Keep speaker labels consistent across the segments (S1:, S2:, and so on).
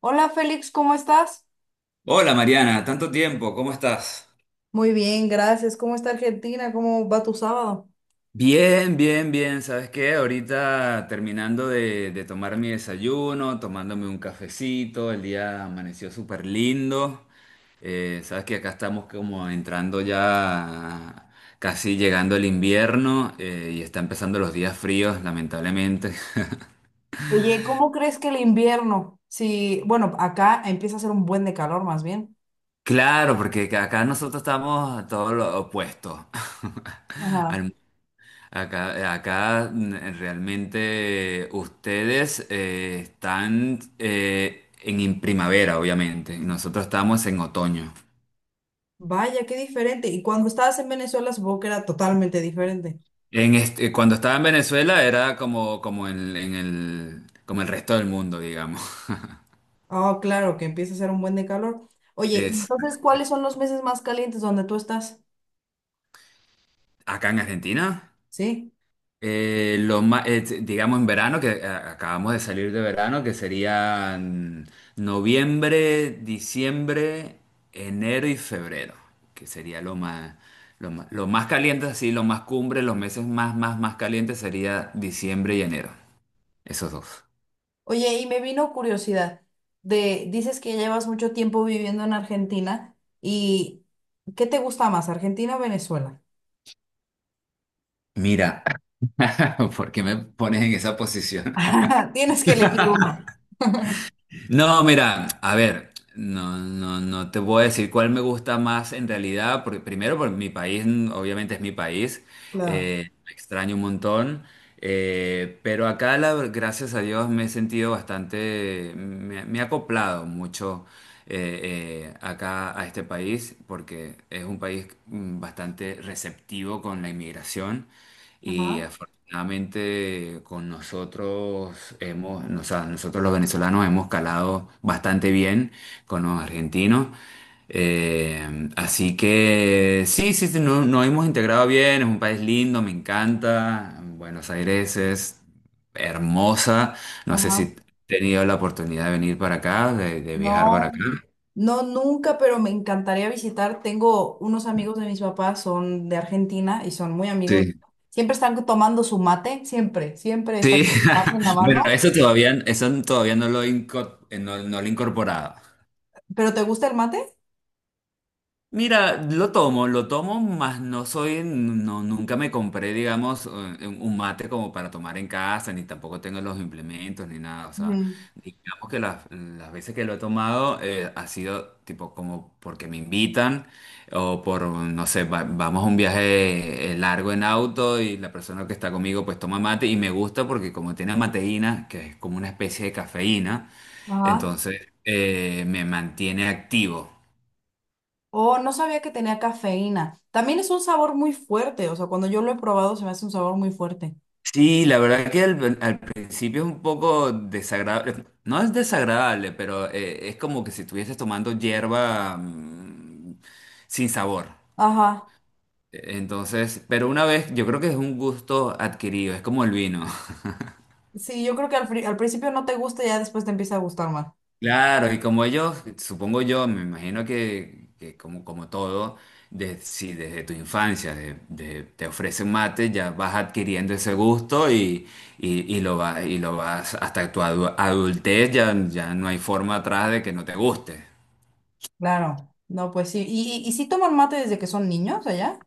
S1: Hola Félix, ¿cómo estás?
S2: Hola Mariana, tanto tiempo, ¿cómo estás?
S1: Muy bien, gracias. ¿Cómo está Argentina? ¿Cómo va tu sábado?
S2: Bien, bien, bien. ¿Sabes qué? Ahorita terminando de tomar mi desayuno, tomándome un cafecito, el día amaneció súper lindo. Sabes que acá estamos como entrando ya, casi llegando el invierno y está empezando los días fríos, lamentablemente.
S1: Oye, ¿cómo crees que el invierno? Si, bueno, acá empieza a hacer un buen de calor más bien.
S2: Claro, porque acá nosotros estamos todo lo opuesto.
S1: Ajá.
S2: Al acá, realmente ustedes están en primavera, obviamente, y nosotros estamos en otoño.
S1: Vaya, qué diferente. Y cuando estabas en Venezuela, supongo que era totalmente diferente.
S2: Cuando estaba en Venezuela era como en el, como el resto del mundo, digamos.
S1: Ah, claro, que empieza a hacer un buen de calor. Oye,
S2: Es,
S1: entonces, ¿cuáles son los meses más calientes donde tú estás?
S2: acá en Argentina.
S1: sí.
S2: Digamos en verano, que acabamos de salir de verano, que serían noviembre, diciembre, enero y febrero, que sería lo más caliente, así, lo más cumbre, los meses más calientes sería diciembre y enero, esos dos.
S1: Oye, y me vino curiosidad dices que llevas mucho tiempo viviendo en Argentina y ¿qué te gusta más, Argentina o Venezuela?
S2: Mira, ¿por qué me pones en esa posición?
S1: Tienes que elegir uno.
S2: No, mira, a ver, no, no, no te puedo decir cuál me gusta más en realidad, porque primero, porque mi país, obviamente es mi país,
S1: Claro.
S2: lo extraño un montón, pero acá, gracias a Dios, me he sentido bastante, me he acoplado mucho acá a este país, porque es un país bastante receptivo con la inmigración. Y
S1: Ajá,
S2: afortunadamente con nosotros hemos, o sea, nosotros los venezolanos hemos calado bastante bien con los argentinos. Así que sí, sí, sí, nos hemos integrado bien, es un país lindo, me encanta. Buenos Aires es hermosa. No sé si
S1: ajá.
S2: he tenido la oportunidad de venir para acá, de viajar para acá.
S1: No, no nunca, pero me encantaría visitar. Tengo unos amigos de mis papás, son de Argentina y son muy amigos.
S2: Sí.
S1: Siempre están tomando su mate, siempre, siempre están
S2: Sí,
S1: con su mate en la
S2: bueno,
S1: mano.
S2: eso todavía no lo he incorporado.
S1: ¿Pero te gusta el mate?
S2: Mira, lo tomo, mas no soy, no, nunca me compré, digamos, un mate como para tomar en casa, ni tampoco tengo los implementos, ni nada. O sea,
S1: Ujú.
S2: digamos que las veces que lo he tomado ha sido tipo como porque me invitan o por, no sé, vamos a un viaje largo en auto y la persona que está conmigo pues toma mate y me gusta porque como tiene mateína, que es como una especie de cafeína,
S1: Ajá.
S2: entonces me mantiene activo.
S1: Oh, no sabía que tenía cafeína. También es un sabor muy fuerte, o sea, cuando yo lo he probado se me hace un sabor muy fuerte.
S2: Sí, la verdad que al principio es un poco desagradable, no es desagradable, pero es como que si estuvieses tomando hierba sin sabor.
S1: Ajá.
S2: Entonces, pero una vez, yo creo que es un gusto adquirido, es como el vino.
S1: Sí, yo creo que al principio no te gusta y ya después te empieza a gustar más.
S2: Claro, y como ellos, supongo yo, me imagino que como todo, si desde tu infancia te ofrecen mate, ya vas adquiriendo ese gusto y lo vas hasta tu adultez, ya, ya no hay forma atrás de que no te guste.
S1: Claro, no, pues sí. ¿Y sí toman mate desde que son niños allá?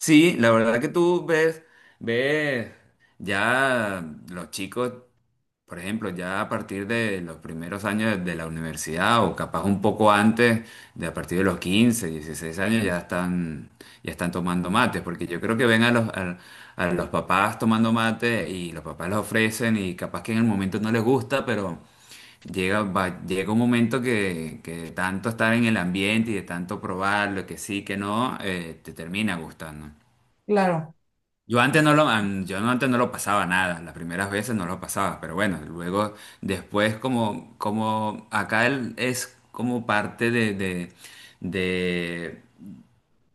S2: Sí, la verdad que tú ves, ves, ya los chicos Por ejemplo, ya a partir de los primeros años de la universidad o capaz un poco antes, de a partir de los 15, 16 años ya están tomando mates, porque yo creo que ven a los papás tomando mate y los papás los ofrecen y capaz que en el momento no les gusta, pero llega un momento que de tanto estar en el ambiente y de tanto probarlo, que sí, que no, te termina gustando.
S1: Claro.
S2: Yo antes no lo, an- yo no- antes no lo pasaba nada, las primeras veces no lo pasaba, pero bueno, luego después como acá es como parte de,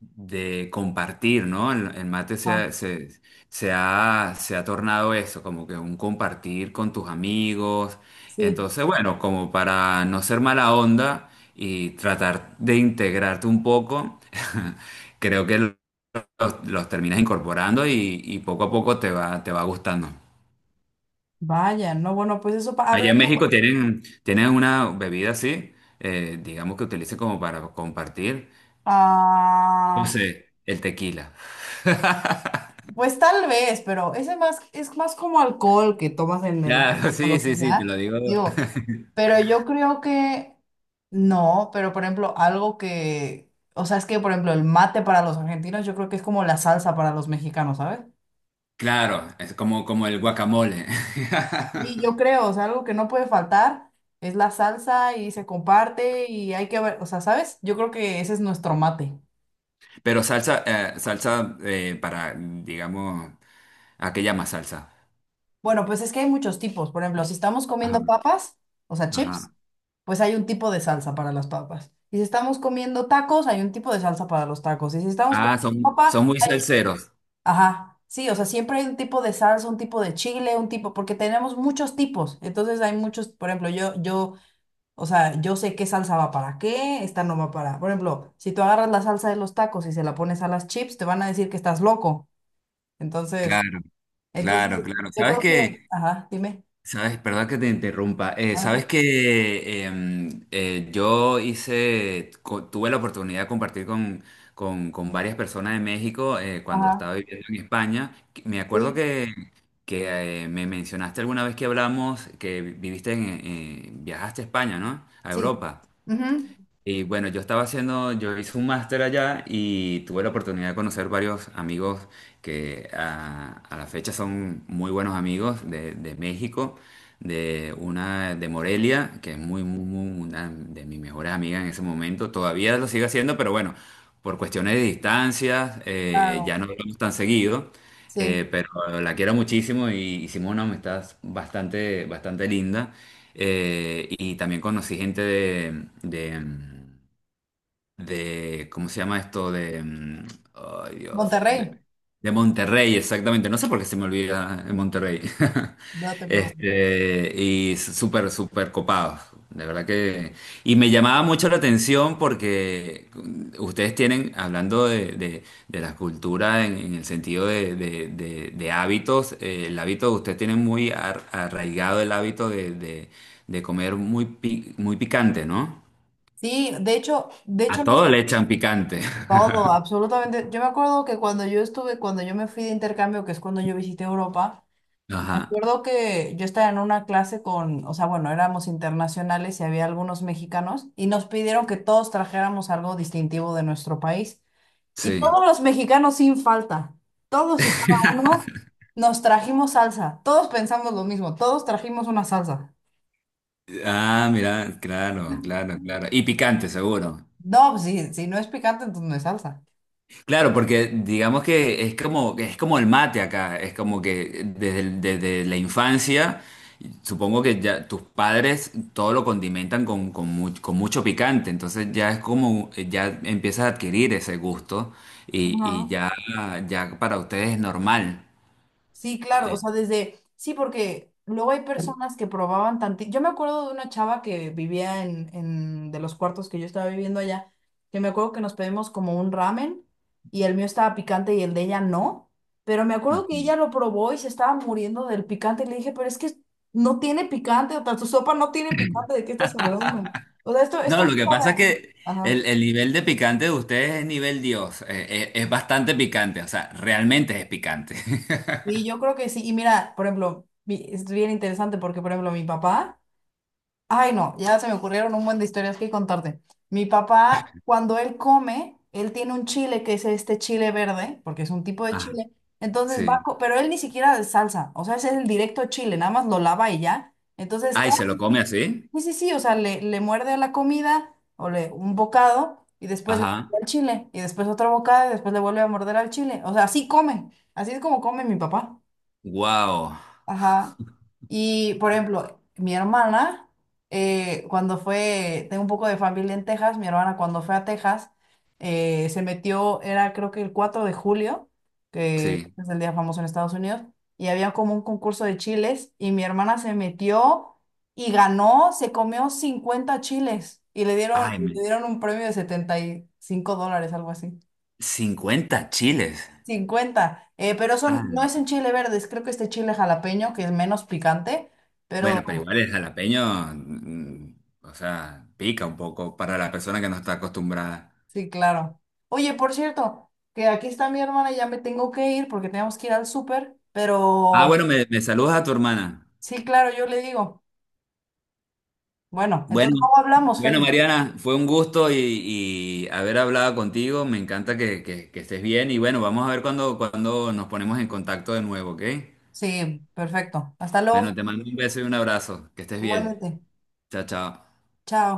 S2: de compartir, ¿no? El mate se,
S1: Ah,
S2: ha- se, se ha, se ha tornado eso, como que un compartir con tus amigos.
S1: sí.
S2: Entonces, bueno, como para no ser mala onda y tratar de integrarte un poco, creo que los terminas incorporando y poco a poco te va gustando.
S1: Vaya, no, bueno, pues eso,
S2: Allá en México
S1: hablando.
S2: tienen una bebida así, digamos que utilicen como para compartir, yo
S1: Ah,
S2: sé, el tequila.
S1: pues tal vez, pero es más como alcohol que tomas en el,
S2: Claro,
S1: o
S2: sí,
S1: lo que
S2: sí, sí, te
S1: sea,
S2: lo digo.
S1: digo, pero yo creo que no, pero por ejemplo, algo que, o sea, es que por ejemplo, el mate para los argentinos, yo creo que es como la salsa para los mexicanos, ¿sabes?
S2: Claro, es como el guacamole.
S1: Y yo creo, o sea, algo que no puede faltar es la salsa y se comparte y hay que ver, o sea, ¿sabes? Yo creo que ese es nuestro mate.
S2: Pero salsa, salsa para, digamos, ¿a qué llama salsa?
S1: Bueno, pues es que hay muchos tipos. Por ejemplo, si estamos
S2: Ajá,
S1: comiendo papas, o sea, chips,
S2: ajá.
S1: pues hay un tipo de salsa para las papas. Y si estamos comiendo tacos, hay un tipo de salsa para los tacos. Y si estamos
S2: Ah,
S1: comiendo
S2: son
S1: papa,
S2: muy
S1: hay...
S2: salseros.
S1: Ajá, sí, o sea, siempre hay un tipo de salsa, un tipo de chile, un tipo, porque tenemos muchos tipos. Entonces hay muchos, por ejemplo, yo. O sea, yo sé qué salsa va para qué, esta no va para. Por ejemplo, si tú agarras la salsa de los tacos y se la pones a las chips, te van a decir que estás loco. Entonces,
S2: Claro,
S1: entonces,
S2: claro, claro.
S1: yo
S2: ¿Sabes
S1: creo que,
S2: qué?
S1: ajá, dime.
S2: Sabes, perdón que te interrumpa. Eh,
S1: Ah.
S2: sabes que tuve la oportunidad de compartir con varias personas de México cuando
S1: Ajá,
S2: estaba viviendo en España. Me acuerdo
S1: sí,
S2: que, me mencionaste alguna vez que hablamos que viajaste a España, ¿no? A
S1: sí.
S2: Europa.
S1: Ujú,
S2: Y bueno, yo hice un máster allá y tuve la oportunidad de conocer varios amigos que a la fecha son muy buenos amigos de México, de una de Morelia, que es una de mis mejores amigas en ese momento. Todavía lo sigue haciendo, pero bueno, por cuestiones de distancias, ya
S1: claro,
S2: no hablamos tan seguido,
S1: sí.
S2: pero la quiero muchísimo y hicimos una amistad bastante, bastante linda. Y también conocí gente ¿cómo se llama esto? Ay Dios,
S1: Monterrey,
S2: de Monterrey, exactamente. No sé por qué se me olvida en Monterrey.
S1: no te preocupes.
S2: Este, y súper, súper copados. De verdad que. Y me llamaba mucho la atención porque ustedes tienen, hablando de la cultura en el sentido de hábitos, el hábito, ustedes tienen muy arraigado el hábito de comer muy picante, ¿no?
S1: Sí, de
S2: A
S1: hecho no sé
S2: todo le echan picante.
S1: todo, absolutamente. Yo me acuerdo que cuando yo estuve, cuando yo me fui de intercambio, que es cuando yo visité Europa. Me
S2: Ajá,
S1: acuerdo que yo estaba en una clase con, o sea, bueno, éramos internacionales y había algunos mexicanos y nos pidieron que todos trajéramos algo distintivo de nuestro país. Y
S2: sí.
S1: todos los mexicanos sin falta, todos y cada uno nos trajimos salsa. Todos pensamos lo mismo, todos trajimos una salsa.
S2: Ah, mira, claro, claro, claro. Y picante, seguro.
S1: No, pues, si, si no es picante, entonces no es salsa.
S2: Claro, porque digamos que es como el mate acá, es como que desde la infancia, supongo que ya tus padres todo lo condimentan con mucho picante, entonces ya es como, ya empiezas a adquirir ese gusto y
S1: Ajá.
S2: ya, ya para ustedes es normal.
S1: Sí, claro, o
S2: Eh,
S1: sea, desde, sí, porque luego hay personas que probaban tantito. Yo me acuerdo de una chava que vivía en de los cuartos que yo estaba viviendo allá, que me acuerdo que nos pedimos como un ramen y el mío estaba picante y el de ella no, pero me acuerdo que ella lo probó y se estaba muriendo del picante y le dije, pero es que no tiene picante, o sea, tu sopa no tiene picante, ¿de qué estás hablando? O sea, esto
S2: No, lo
S1: no
S2: que pasa es
S1: sabe—
S2: que
S1: Ajá.
S2: el nivel de picante de ustedes es nivel Dios. Es bastante picante, o sea, realmente es picante.
S1: Y yo creo que sí, y mira, por ejemplo, es bien interesante porque, por ejemplo, mi papá... Ay, no, ya se me ocurrieron un buen de historias que contarte. Mi papá, cuando él come, él tiene un chile que es este chile verde, porque es un tipo de
S2: Ah,
S1: chile. Entonces va,
S2: sí.
S1: pero él ni siquiera de salsa, o sea, ese es el directo chile, nada más lo lava y ya. Entonces,
S2: Ay, ¿se lo come así?
S1: sí, sí, sí, o sea, le muerde a la comida o le un bocado y después le
S2: Ajá.
S1: muerde al chile y después otro bocado y después le vuelve a morder al chile. O sea, así come, así es como come mi papá.
S2: Wow.
S1: Ajá. Y por ejemplo, mi hermana, cuando fue, tengo un poco de familia en Texas, mi hermana cuando fue a Texas, se metió, era creo que el 4 de julio, que
S2: Sí.
S1: es el día famoso en Estados Unidos, y había como un concurso de chiles, y mi hermana se metió y ganó, se comió 50 chiles, y le dieron,
S2: Ay,
S1: le dieron un premio de $75, algo así
S2: 50 chiles.
S1: 50 pero son, no es
S2: Ah,
S1: en chile verdes, creo que este chile jalapeño, que es menos picante, pero
S2: bueno, pero igual el jalapeño, o sea, pica un poco para la persona que no está acostumbrada.
S1: sí, claro. Oye, por cierto, que aquí está mi hermana, ya me tengo que ir porque tenemos que ir al súper,
S2: Ah,
S1: pero
S2: bueno, me saludas a tu hermana.
S1: sí, claro, yo le digo. Bueno,
S2: Bueno,
S1: entonces luego hablamos,
S2: bueno,
S1: Feli.
S2: Mariana, fue un gusto y haber hablado contigo. Me encanta que estés bien y bueno, vamos a ver cuando nos ponemos en contacto de nuevo, ¿ok?
S1: Sí, perfecto. Hasta
S2: Bueno,
S1: luego.
S2: te mando un beso y un abrazo. Que estés bien.
S1: Igualmente.
S2: Chao, chao.
S1: Chao.